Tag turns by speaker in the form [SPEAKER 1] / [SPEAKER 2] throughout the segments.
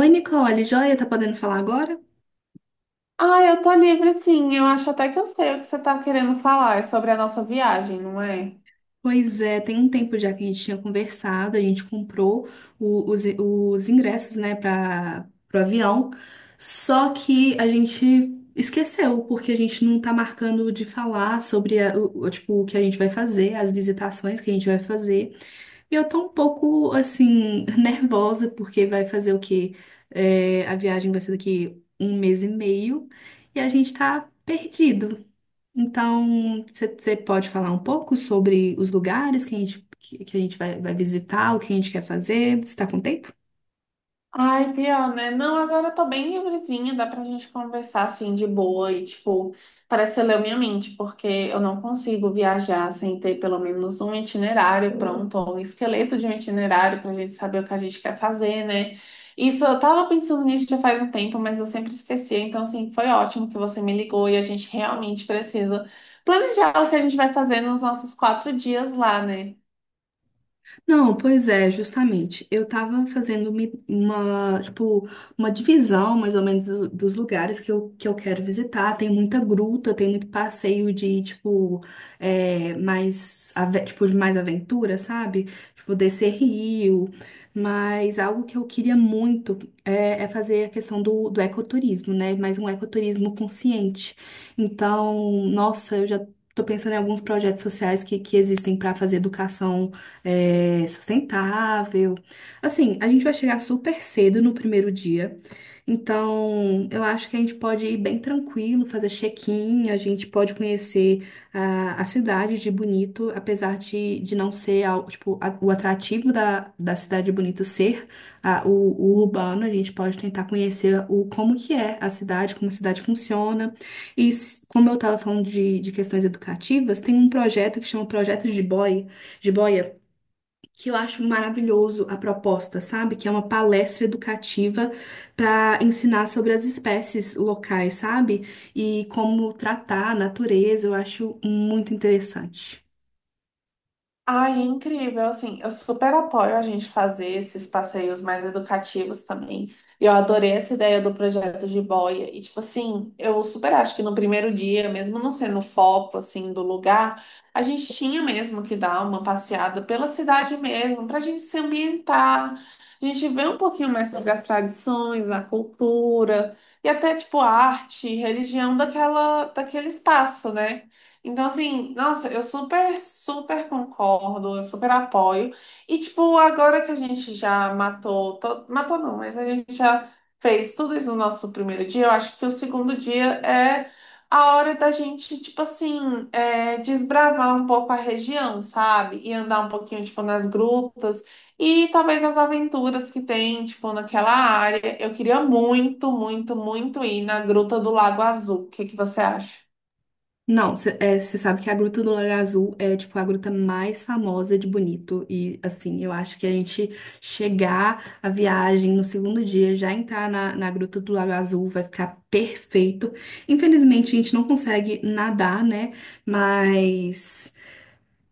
[SPEAKER 1] Oi, Nicole, joia, tá podendo falar agora?
[SPEAKER 2] Ah, eu tô livre sim. Eu acho até que eu sei o que você tá querendo falar. É sobre a nossa viagem, não é?
[SPEAKER 1] Pois é, tem um tempo já que a gente tinha conversado, a gente comprou os ingressos, né, para o avião, só que a gente esqueceu, porque a gente não tá marcando de falar sobre, tipo, o que a gente vai fazer, as visitações que a gente vai fazer, e eu tô um pouco, assim, nervosa, porque vai fazer o quê? É, a viagem vai ser daqui um mês e meio, e a gente tá perdido. Então, você pode falar um pouco sobre os lugares que a gente vai visitar, o que a gente quer fazer? Você está com tempo?
[SPEAKER 2] Ai, pior, né? Não, agora eu tô bem livrezinha, dá pra gente conversar assim de boa e, tipo, parece que você leu minha mente, porque eu não consigo viajar sem ter pelo menos um itinerário pronto, ou um esqueleto de um itinerário pra gente saber o que a gente quer fazer, né? Isso, eu tava pensando nisso já faz um tempo, mas eu sempre esquecia, então, assim, foi ótimo que você me ligou e a gente realmente precisa planejar o que a gente vai fazer nos nossos 4 dias lá, né?
[SPEAKER 1] Não, pois é, justamente. Eu tava fazendo tipo, uma divisão, mais ou menos, dos lugares que eu quero visitar. Tem muita gruta, tem muito passeio de, tipo, é, mais, tipo, de mais aventura, sabe? Tipo, descer rio. Mas algo que eu queria muito é fazer a questão do ecoturismo, né? Mas um ecoturismo consciente. Então, nossa, eu já tô pensando em alguns projetos sociais que existem para fazer educação sustentável. Assim, a gente vai chegar super cedo no primeiro dia, então eu acho que a gente pode ir bem tranquilo, fazer check-in, a gente pode conhecer a cidade de Bonito, apesar de não ser tipo, o atrativo da cidade de Bonito ser o urbano, a gente pode tentar conhecer o como que é a cidade, como a cidade funciona. E como eu estava falando de questões educativas, tem um projeto que chama Projeto de Boia, que eu acho maravilhoso a proposta, sabe? Que é uma palestra educativa para ensinar sobre as espécies locais, sabe? E como tratar a natureza, eu acho muito interessante.
[SPEAKER 2] Ai, é incrível, assim, eu super apoio a gente fazer esses passeios mais educativos também. Eu adorei essa ideia do projeto de boia. E, tipo assim, eu super acho que no primeiro dia, mesmo não sendo o foco, assim, do lugar, a gente tinha mesmo que dar uma passeada pela cidade mesmo, pra gente se ambientar, a gente ver um pouquinho mais sobre as tradições, a cultura, e até, tipo, a arte, religião daquele espaço, né? Então, assim, nossa, eu super, super concordo, eu super apoio. E, tipo, agora que a gente já matou, matou não, mas a gente já fez tudo isso no nosso primeiro dia, eu acho que o segundo dia é a hora da gente, tipo assim, desbravar um pouco a região, sabe? E andar um pouquinho, tipo, nas grutas e talvez as aventuras que tem, tipo, naquela área. Eu queria muito, muito, muito ir na Gruta do Lago Azul. O que que você acha?
[SPEAKER 1] Não, você sabe que a Gruta do Lago Azul é, tipo, a gruta mais famosa de Bonito. E, assim, eu acho que a gente chegar a viagem no segundo dia, já entrar na Gruta do Lago Azul, vai ficar perfeito. Infelizmente, a gente não consegue nadar, né? Mas.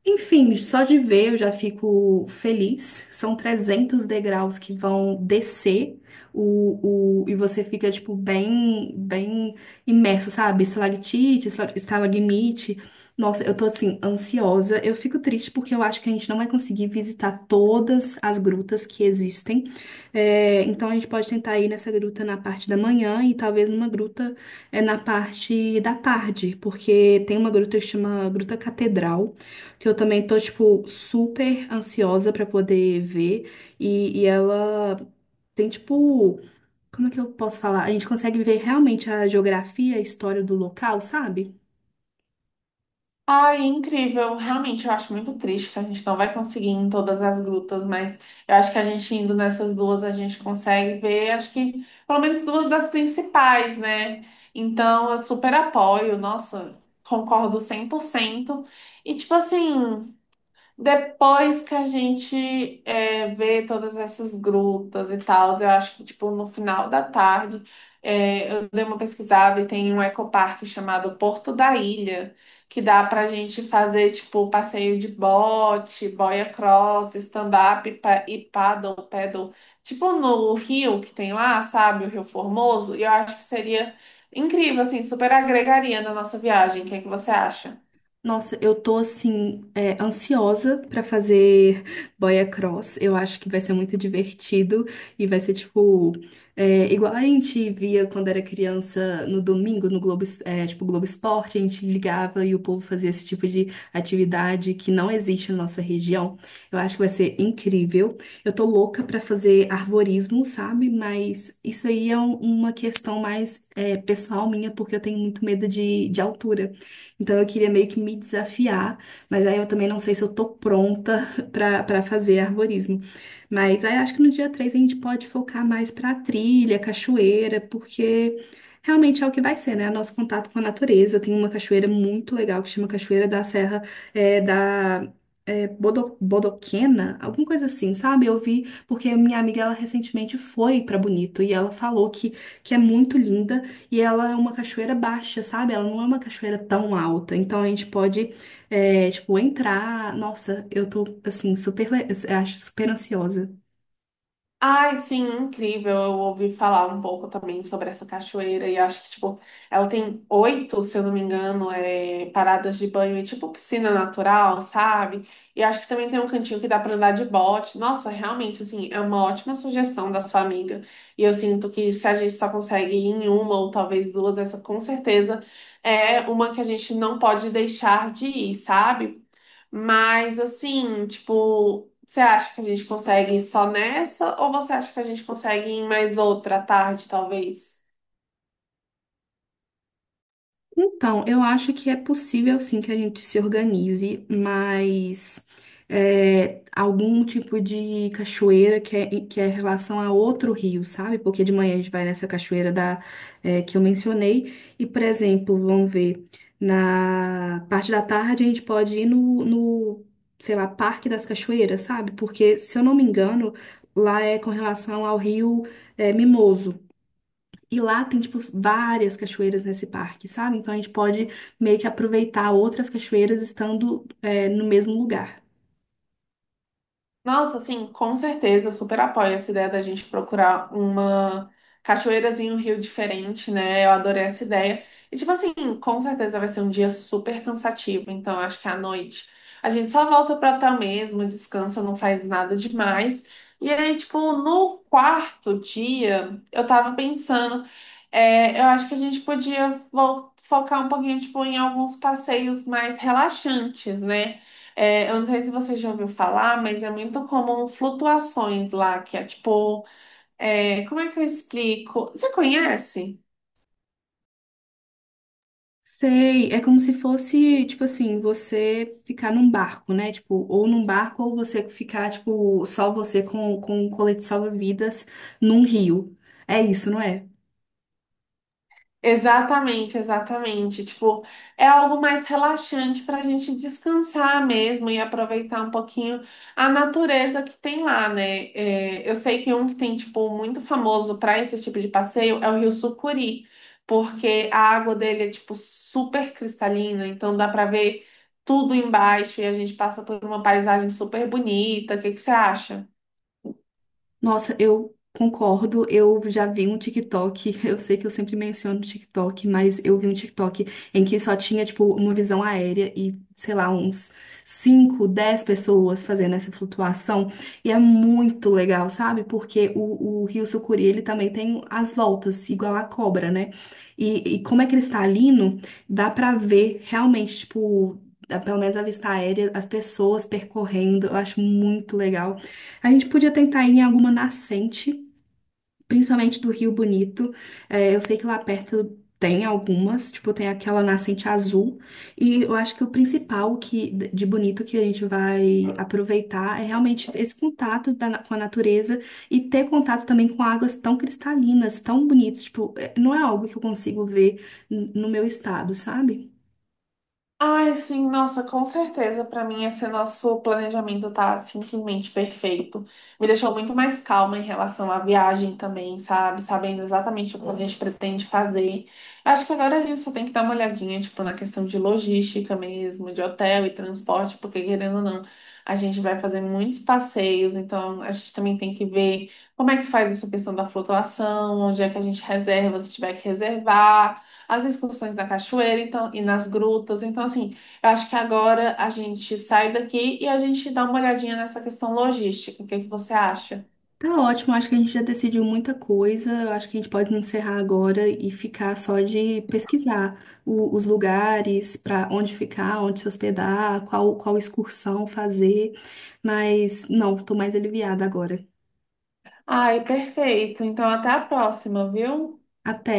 [SPEAKER 1] Enfim, só de ver eu já fico feliz. São 300 degraus que vão descer e você fica, tipo, bem, bem imerso, sabe? Estalactite, estalagmite. Nossa, eu tô, assim, ansiosa. Eu fico triste porque eu acho que a gente não vai conseguir visitar todas as grutas que existem. É, então, a gente pode tentar ir nessa gruta na parte da manhã e talvez numa gruta na parte da tarde, porque tem uma gruta que chama Gruta Catedral que eu também tô, tipo, super ansiosa pra poder ver. E ela tem, tipo, como é que eu posso falar? A gente consegue ver realmente a geografia, a história do local, sabe?
[SPEAKER 2] Ai, incrível. Realmente, eu acho muito triste que a gente não vai conseguir ir em todas as grutas, mas eu acho que a gente indo nessas duas, a gente consegue ver, acho que pelo menos duas das principais, né? Então, eu super apoio, nossa, concordo 100%. E, tipo assim. Depois que a gente vê todas essas grutas e tal, eu acho que tipo no final da tarde eu dei uma pesquisada e tem um ecoparque chamado Porto da Ilha, que dá pra gente fazer tipo passeio de bote, boia cross, stand-up e paddle, tipo no rio que tem lá, sabe, o Rio Formoso, e eu acho que seria incrível, assim, super agregaria na nossa viagem. O que é que você acha?
[SPEAKER 1] Nossa, eu tô assim, é, ansiosa pra fazer boia cross. Eu acho que vai ser muito divertido e vai ser tipo, é, igual a gente via quando era criança no domingo no Globo, tipo Globo Esporte, a gente ligava e o povo fazia esse tipo de atividade que não existe na nossa região. Eu acho que vai ser incrível. Eu tô louca pra fazer arvorismo, sabe? Mas isso aí é uma questão mais, é, pessoal minha, porque eu tenho muito medo de altura. Então eu queria meio que me desafiar, mas aí eu também não sei se eu tô pronta pra para fazer arborismo. Mas aí acho que no dia 3 a gente pode focar mais pra trilha, cachoeira, porque realmente é o que vai ser, né? Nosso contato com a natureza. Tem uma cachoeira muito legal que chama Cachoeira da Serra da Bodoquena, alguma coisa assim, sabe? Eu vi, porque a minha amiga, ela recentemente foi pra Bonito e ela falou que é muito linda. E ela é uma cachoeira baixa, sabe? Ela não é uma cachoeira tão alta. Então a gente pode, é, tipo, entrar. Nossa, eu tô, assim, acho super ansiosa.
[SPEAKER 2] Ai, sim, incrível. Eu ouvi falar um pouco também sobre essa cachoeira e acho que, tipo, ela tem oito, se eu não me engano, paradas de banho e, tipo, piscina natural, sabe? E acho que também tem um cantinho que dá pra andar de bote. Nossa, realmente, assim, é uma ótima sugestão da sua amiga. E eu sinto que se a gente só consegue ir em uma ou talvez duas, essa com certeza é uma que a gente não pode deixar de ir, sabe? Mas assim, tipo, você acha que a gente consegue só nessa ou você acha que a gente consegue em mais outra tarde, talvez?
[SPEAKER 1] Então, eu acho que é possível sim que a gente se organize, mas é, algum tipo de cachoeira que é em relação a outro rio, sabe? Porque de manhã a gente vai nessa cachoeira da, que eu mencionei, e, por exemplo, vamos ver, na parte da tarde a gente pode ir no, no, sei lá, Parque das Cachoeiras, sabe? Porque, se eu não me engano, lá é com relação ao rio Mimoso. E lá tem, tipo, várias cachoeiras nesse parque, sabe? Então a gente pode meio que aproveitar outras cachoeiras estando, é, no mesmo lugar.
[SPEAKER 2] Nossa, assim, com certeza, eu super apoio essa ideia da gente procurar uma cachoeirazinha, um rio diferente, né? Eu adorei essa ideia. E, tipo assim, com certeza vai ser um dia super cansativo, então eu acho que à noite a gente só volta pro hotel mesmo, descansa, não faz nada demais. E aí, tipo, no quarto dia, eu tava pensando, eu acho que a gente podia focar um pouquinho, tipo, em alguns passeios mais relaxantes, né? Eu não sei se você já ouviu falar, mas é muito comum flutuações lá, que é tipo, como é que eu explico? Você conhece?
[SPEAKER 1] Sei, é como se fosse, tipo assim, você ficar num barco, né? Tipo, ou num barco, ou você ficar, tipo, só você com um colete salva-vidas num rio. É isso, não é?
[SPEAKER 2] Exatamente, exatamente. Tipo, é algo mais relaxante para a gente descansar mesmo e aproveitar um pouquinho a natureza que tem lá, né? Eu sei que um que tem, tipo, muito famoso para esse tipo de passeio é o Rio Sucuri, porque a água dele é, tipo, super cristalina, então dá para ver tudo embaixo e a gente passa por uma paisagem super bonita. O que que você acha?
[SPEAKER 1] Nossa, eu concordo. Eu já vi um TikTok. Eu sei que eu sempre menciono o TikTok, mas eu vi um TikTok em que só tinha, tipo, uma visão aérea e, sei lá, uns 5, 10 pessoas fazendo essa flutuação. E é muito legal, sabe? Porque o Rio Sucuri, ele também tem as voltas, igual a cobra, né? E como é cristalino, dá pra ver realmente, tipo. Pelo menos a vista aérea, as pessoas percorrendo, eu acho muito legal. A gente podia tentar ir em alguma nascente, principalmente do Rio Bonito. É, eu sei que lá perto tem algumas, tipo, tem aquela nascente azul. E eu acho que o principal que, de bonito que a gente vai aproveitar é realmente esse contato com a natureza e ter contato também com águas tão cristalinas, tão bonitas. Tipo, não é algo que eu consigo ver no meu estado, sabe?
[SPEAKER 2] Ai, sim, nossa, com certeza. Pra mim, esse nosso planejamento tá simplesmente perfeito. Me deixou muito mais calma em relação à viagem também, sabe? Sabendo exatamente o que a gente pretende fazer. Acho que agora a gente só tem que dar uma olhadinha, tipo, na questão de logística mesmo, de hotel e transporte, porque querendo ou não, a gente vai fazer muitos passeios, então a gente também tem que ver como é que faz essa questão da flutuação, onde é que a gente reserva, se tiver que reservar as excursões na cachoeira, então, e nas grutas. Então, assim, eu acho que agora a gente sai daqui e a gente dá uma olhadinha nessa questão logística. O que é que você acha?
[SPEAKER 1] Tá ótimo, acho que a gente já decidiu muita coisa. Acho que a gente pode encerrar agora e ficar só de pesquisar os lugares para onde ficar, onde se hospedar, qual excursão fazer. Mas não, tô mais aliviada agora.
[SPEAKER 2] Ai, perfeito. Então, até a próxima, viu?
[SPEAKER 1] Até.